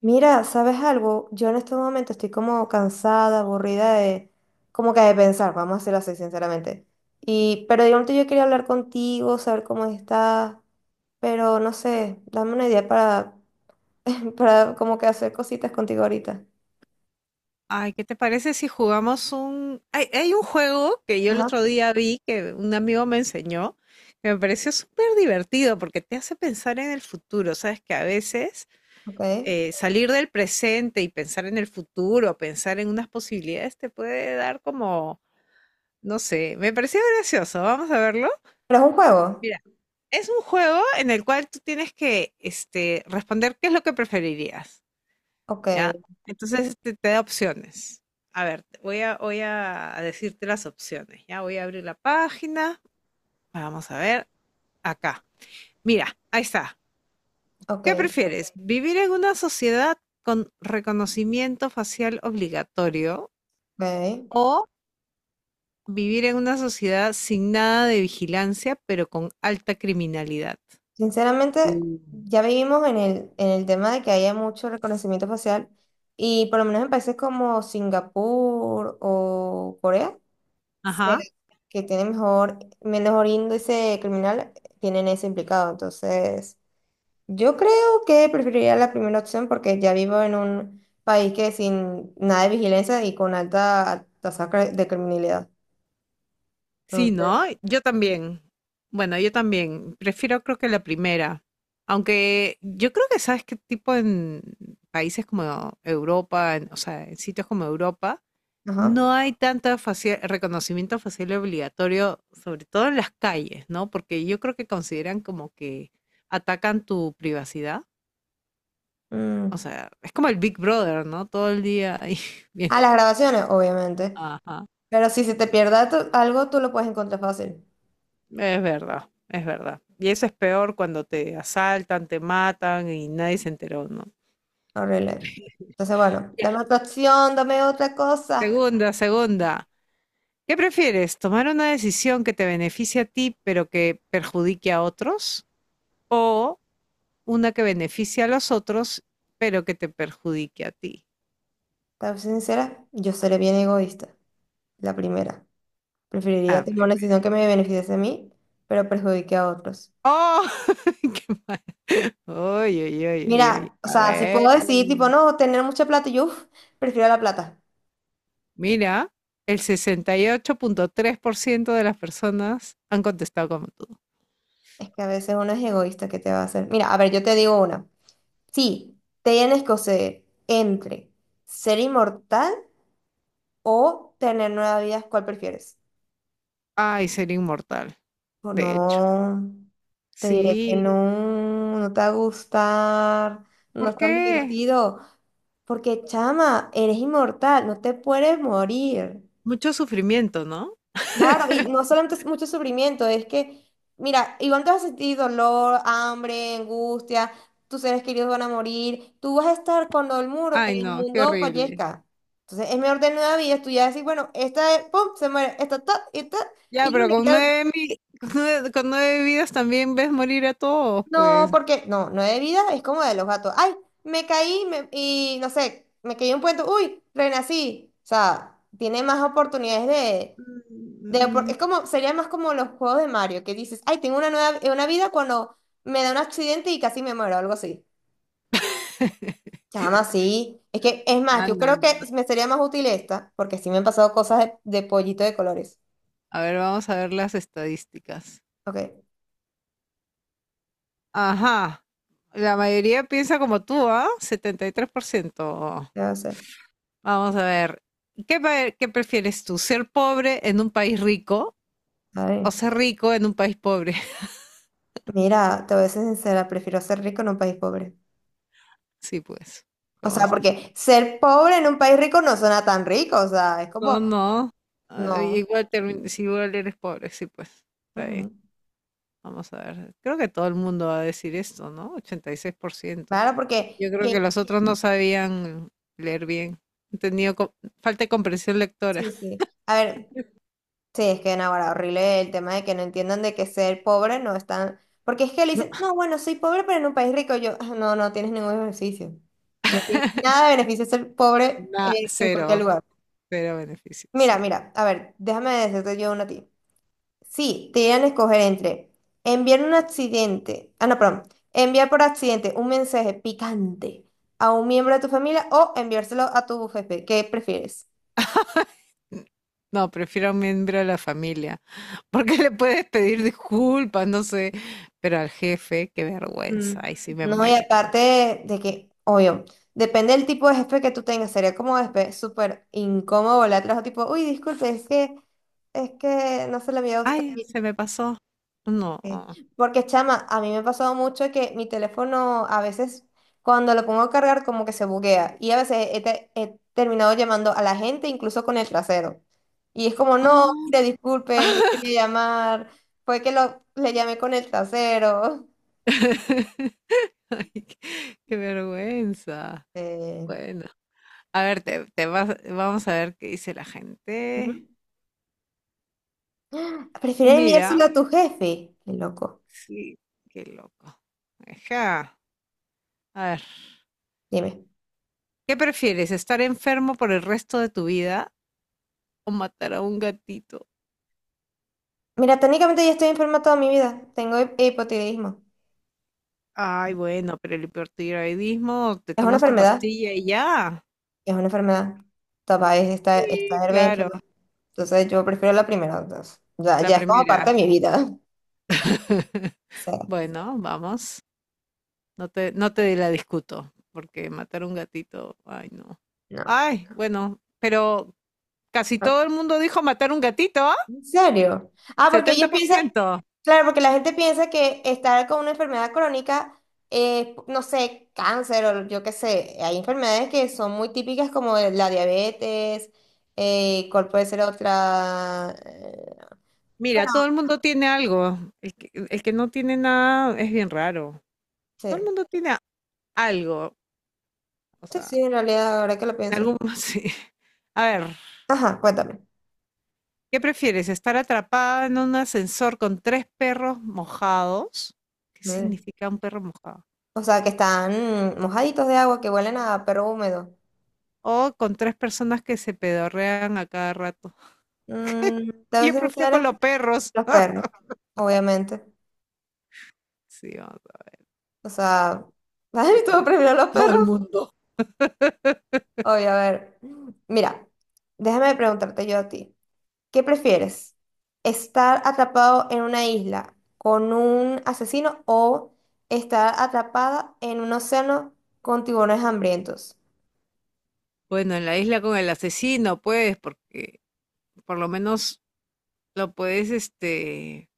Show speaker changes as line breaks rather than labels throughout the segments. Mira, ¿sabes algo? Yo en este momento estoy como cansada, aburrida de, como que de pensar, vamos a hacerlo así, sinceramente. Y, pero de momento yo quería hablar contigo, saber cómo estás, pero no sé, dame una idea para, para como que hacer cositas contigo ahorita.
Ay, ¿qué te parece si jugamos un... Hay un juego que yo el
Ajá,
otro día vi que un amigo me enseñó, que me pareció súper divertido porque te hace pensar en el futuro. Sabes que a veces
ok. ¿Pero
salir del presente y pensar en el futuro, pensar en unas posibilidades, te puede dar como, no sé, me pareció gracioso. Vamos a verlo.
es un juego?
Mira, es un juego en el cual tú tienes que responder qué es lo que preferirías.
Ok,
¿Ya? Entonces te da opciones. A ver, voy a, voy a decirte las opciones, ¿ya? Voy a abrir la página, vamos a ver, acá. Mira, ahí está.
ok,
¿Qué prefieres? ¿Vivir en una sociedad con reconocimiento facial obligatorio
ok.
o vivir en una sociedad sin nada de vigilancia, pero con alta criminalidad? Uh,
Sinceramente, ya vivimos en el tema de que haya mucho reconocimiento facial y por lo menos en países como Singapur o Corea,
Ajá.
se- que tienen mejor, menor índice criminal, tienen ese implicado. Entonces, yo creo que preferiría la primera opción porque ya vivo en un país que sin nada de vigilancia y con alta tasa de criminalidad.
Sí,
Entonces,
¿no? Yo también. Bueno, yo también. Prefiero creo que la primera. Aunque yo creo que sabes qué tipo en países como Europa, o sea, en sitios como Europa,
ajá.
no hay tanto reconocimiento facial obligatorio, sobre todo en las calles, ¿no? Porque yo creo que consideran como que atacan tu privacidad. O
Mm.
sea, es como el Big Brother, ¿no? Todo el día ahí viendo.
A las grabaciones, obviamente. Pero si se te pierda algo, tú lo puedes encontrar fácil.
Es verdad, es verdad. Y eso es peor cuando te asaltan, te matan y nadie se enteró, ¿no?
Arreglé. Entonces, bueno,
Ya.
dame otra opción, dame otra cosa.
Segunda, segunda. ¿Qué prefieres? ¿Tomar una decisión que te beneficie a ti pero que perjudique a otros? ¿O una que beneficie a los otros pero que te perjudique a ti?
Para ser sincera, yo seré bien egoísta. La primera. Preferiría
Ah, ay,
tomar una
primero.
decisión que me beneficie a mí, pero perjudique a otros.
¡Oh! ¡Qué mal! ¡Ay, ay, ay, ay, ay!
Mira, o
A
sea, si puedo
ver.
decir, tipo, no, tener mucha plata, yo uf, prefiero la plata.
Mira, el 68.3% de las personas han contestado como tú.
Es que a veces uno es egoísta, ¿qué te va a hacer? Mira, a ver, yo te digo una. Sí, tienes que escoger entre ser inmortal o tener nueva vida, ¿cuál prefieres?
Ay, sería inmortal,
O
de hecho.
no, te diré que
Sí,
no, te va a gustar, no
¿por
es tan
qué?
divertido, porque chama, eres inmortal, no te puedes morir.
Mucho sufrimiento, ¿no?
Claro, y no solamente es mucho sufrimiento, es que, mira, igual te vas a sentir dolor, hambre, angustia, tus seres queridos van a morir, tú vas a estar cuando el muro,
Ay,
el
no, qué
mundo
horrible.
fallezca. Entonces es mejor tener una vida, tú ya decís, bueno, esta, pum, se muere, esta, ta, esta,
Ya,
y
pero
bueno,
con
ya.
nueve, con nueve vidas también ves morir a todos,
No,
pues.
porque no, de vida, es como de los gatos. Ay, y no sé, me caí en un puente, uy, renací. O sea, tiene más oportunidades de,
Mm, mm.
es como, sería más como los juegos de Mario, que dices, ay, tengo una nueva, una vida cuando me da un accidente y casi me muero, algo así. Chama, sí. Es que, es más,
Ah, no,
yo
no.
creo que
No.
me sería más útil esta, porque sí me han pasado cosas de pollito de colores.
A ver, vamos a ver las estadísticas.
Ok,
Ajá. La mayoría piensa como tú, ¿ah? 73%.
ya sé. ¿A hacer?
Vamos a ver. ¿Qué, qué prefieres tú? ¿Ser pobre en un país rico
A ver.
o ser rico en un país pobre?
Mira, te voy a ser sincera, prefiero ser rico en un país pobre.
Sí, pues. ¿Qué
O sea,
vamos a hacer?
porque ser pobre en un país rico no suena tan rico, o sea, es como,
No, no. Ah,
no.
igual, si igual eres pobre, sí, pues. Está bien.
Ujú.
Vamos a ver. Creo que todo el mundo va a decir esto, ¿no? 86%.
Claro, porque,
Yo creo que los otros no sabían leer bien. Han tenido falta de comprensión lectora.
sí, sí. A ver, sí, es que no, ahora horrible el tema de que no entiendan de que ser pobre no es tan... Porque es que le dicen, no, bueno, soy pobre, pero en un país rico yo, "Ah, no, no tienes ningún beneficio. Nada de beneficio ser pobre
Nada.
en cualquier
Cero,
lugar.
cero beneficio, sí.
Mira, mira, a ver, déjame decirte yo una a ti. Sí, te iban a escoger entre enviar un accidente, ah, no, perdón, enviar por accidente un mensaje picante a un miembro de tu familia o enviárselo a tu jefe. ¿Qué prefieres?
No, prefiero a un miembro de la familia, porque le puedes pedir disculpas, no sé, pero al jefe, qué vergüenza,
Mm.
ay, sí me
No, y
muero, creo.
aparte de que, obvio, depende del tipo de jefe que tú tengas, sería como después súper incómodo volar atrás, o tipo, uy, disculpe, es que no se lo envié a usted.
Ay, se me pasó. No. Ah.
Sí, porque, chama, a mí me ha pasado mucho que mi teléfono a veces cuando lo pongo a cargar como que se buguea y a veces he terminado llamando a la gente incluso con el trasero. Y es como, no, mire, disculpe, no quería llamar, fue que lo, le llamé con el trasero.
Ay, qué, qué vergüenza.
Eh,
Bueno, a ver, vamos a ver qué dice la
ujú.
gente.
¿Prefieres
Mira,
enviárselo a tu jefe? Qué loco.
sí, qué loco. Ajá. A ver,
Dime.
¿qué prefieres, estar enfermo por el resto de tu vida o matar a un gatito?
Mira, técnicamente ya estoy enferma toda mi vida. Tengo hipotiroidismo.
Ay, bueno, pero el hipertiroidismo, te
Es una
tomas tu
enfermedad.
pastilla y ya.
Es una enfermedad. Tapa, es esta,
Sí,
esta.
claro,
Entonces yo prefiero la primera, entonces, ya,
la
ya es como parte
primera.
de mi vida. Sí.
Bueno, vamos. No te la discuto, porque matar a un gatito, ay, no.
No.
Ay, bueno, pero casi
Ah,
todo el mundo dijo matar un gatito, ¿ah?
¿en serio? Ah, porque
setenta
ellos
por
piensan,
ciento.
claro, porque la gente piensa que estar con una enfermedad crónica es, no sé, cáncer o yo qué sé. Hay enfermedades que son muy típicas como la diabetes, ¿cuál puede ser otra? Bueno,
Mira, todo el mundo tiene algo. El que no tiene nada es bien raro. Todo el
sí,
mundo tiene algo. O
sí,
sea,
sí, en realidad, ahora que lo
en
pienso.
algún... Sí. A ver.
Ajá, cuéntame.
¿Qué prefieres? ¿Estar atrapada en un ascensor con tres perros mojados? ¿Qué
Madre.
significa un perro mojado?
O sea, que están mojaditos de agua, que huelen a perro húmedo.
O con tres personas que se pedorrean a cada rato.
Mm, te voy a
Yo
ser
prefiero con
sincera,
los perros.
los perros, obviamente.
Sí, vamos a-
O sea, ¿sabes? ¿Tú prefieres los
Todo el
perros?
mundo.
Oye, a ver. Mira, déjame preguntarte yo a ti. ¿Qué prefieres? ¿Estar atrapado en una isla con un asesino o estar atrapada en un océano con tiburones hambrientos?
Bueno, en la isla con el asesino, pues, porque por lo menos lo puedes,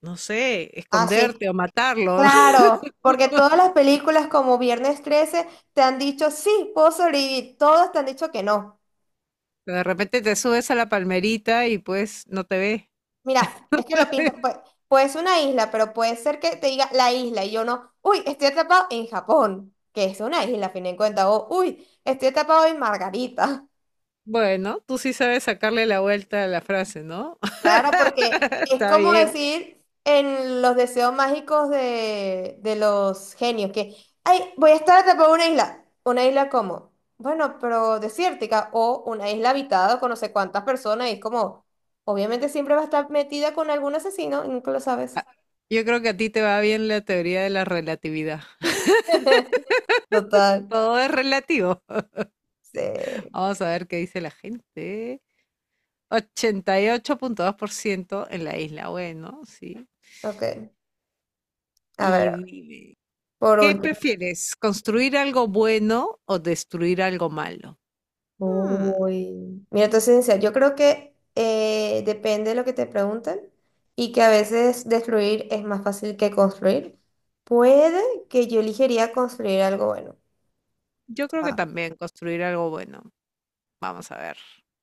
no sé,
Ah, sí.
esconderte o matarlo.
Claro, porque todas las películas como Viernes 13 te han dicho, sí, puedo sobrevivir. Todas te han dicho que no.
Pero de repente te subes a la palmerita y pues no te ve.
Mira, es que lo pintan, pues, puede ser una isla, pero puede ser que te diga la isla y yo no, uy, estoy atrapado en Japón, que es una isla, a fin de cuentas, o uy, estoy atrapado en Margarita.
Bueno, tú sí sabes sacarle la vuelta a la frase, ¿no?
Claro, porque es
Está
como
bien.
decir en los deseos mágicos de los genios, que, ay, voy a estar atrapado en una isla. ¿Una isla como? Bueno, pero desértica, o una isla habitada con no sé cuántas personas, y es como, obviamente siempre va a estar metida con algún asesino, nunca lo sabes.
Yo creo que a ti te va bien la teoría de la relatividad.
Total.
Todo es relativo.
Sí,
Vamos a ver qué dice la gente. 88.2% en la isla. Bueno, sí.
ok. A
Y
ver,
dime,
por
¿qué
último.
prefieres? ¿Construir algo bueno o destruir algo malo? Hmm,
Uy. Mira, entonces, en serio, yo creo que depende de lo que te pregunten y que a veces destruir es más fácil que construir. Puede que yo elegiría construir algo bueno.
yo creo que
Ah,
también construir algo bueno. Vamos a ver.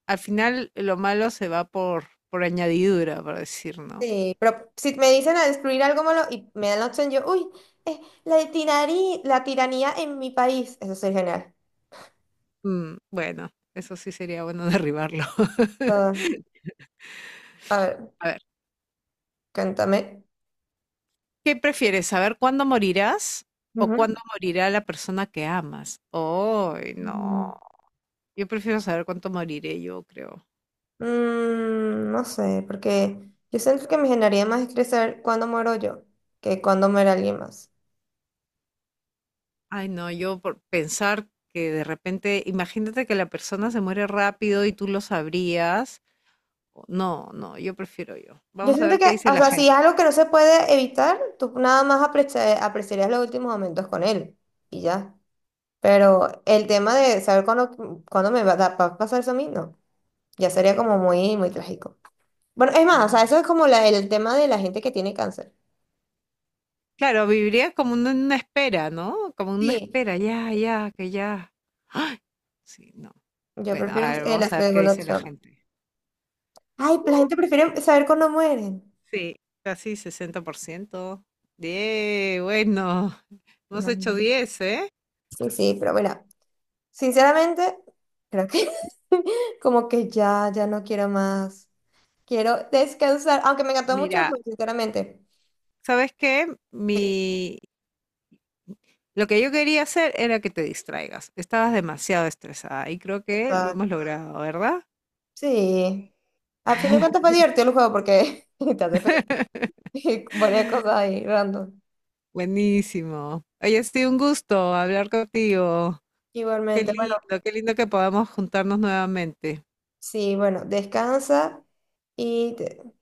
Al final, lo malo se va por añadidura, por decir, ¿no?
sí, pero si me dicen a destruir algo malo y me dan la opción, yo, uy, eh, la tiranía en mi país. Eso sería genial.
Mm, bueno, eso sí sería bueno derribarlo.
Ah, a ver,
A ver.
cántame.
¿Qué prefieres? ¿Saber cuándo morirás o cuándo morirá la persona que amas? Ay,
Ujú.
no. Yo prefiero saber cuánto moriré yo, creo.
Mm, no sé, porque yo siento que me generaría más estresar cuando muero yo que cuando muera alguien más.
Ay, no, yo por pensar que de repente, imagínate que la persona se muere rápido y tú lo sabrías. No, no, yo prefiero yo.
Yo
Vamos a
siento
ver
que,
qué dice
o
la
sea, si es
gente.
algo que no se puede evitar, tú nada más apreciarías los últimos momentos con él y ya. Pero el tema de saber cuándo, cuándo me va a dar- va a pasar eso a mí, no. Ya sería como muy, muy trágico. Bueno, es más, o
Ah.
sea, eso es como el tema de la gente que tiene cáncer.
Claro, viviría como en una espera, ¿no? Como en una
Sí,
espera, ya, ya, que ya. Sí, no.
yo
Bueno,
prefiero
a ver,
la
vamos a ver qué
segunda
dice la
opción.
gente.
Ay, la gente prefiere saber cuándo mueren.
Sí, casi 60%. Bien, bueno, hemos
Vale.
hecho 10, ¿eh?
Sí, sí, pero bueno, sinceramente, creo que como que ya, ya no quiero más. Quiero descansar, aunque me encantó mucho el
Mira,
juego, sinceramente.
¿sabes qué?
Sí,
Mi... Lo que yo quería hacer era que te distraigas. Estabas demasiado estresada y creo que lo
total.
hemos logrado, ¿verdad?
Sí. A fin de cuentas fue divertido el juego porque te hace pensar y varias cosas ahí random.
Buenísimo. Oye, ha sido un gusto hablar contigo.
Igualmente, bueno,
Qué lindo que podamos juntarnos nuevamente.
sí, bueno, descansa y te-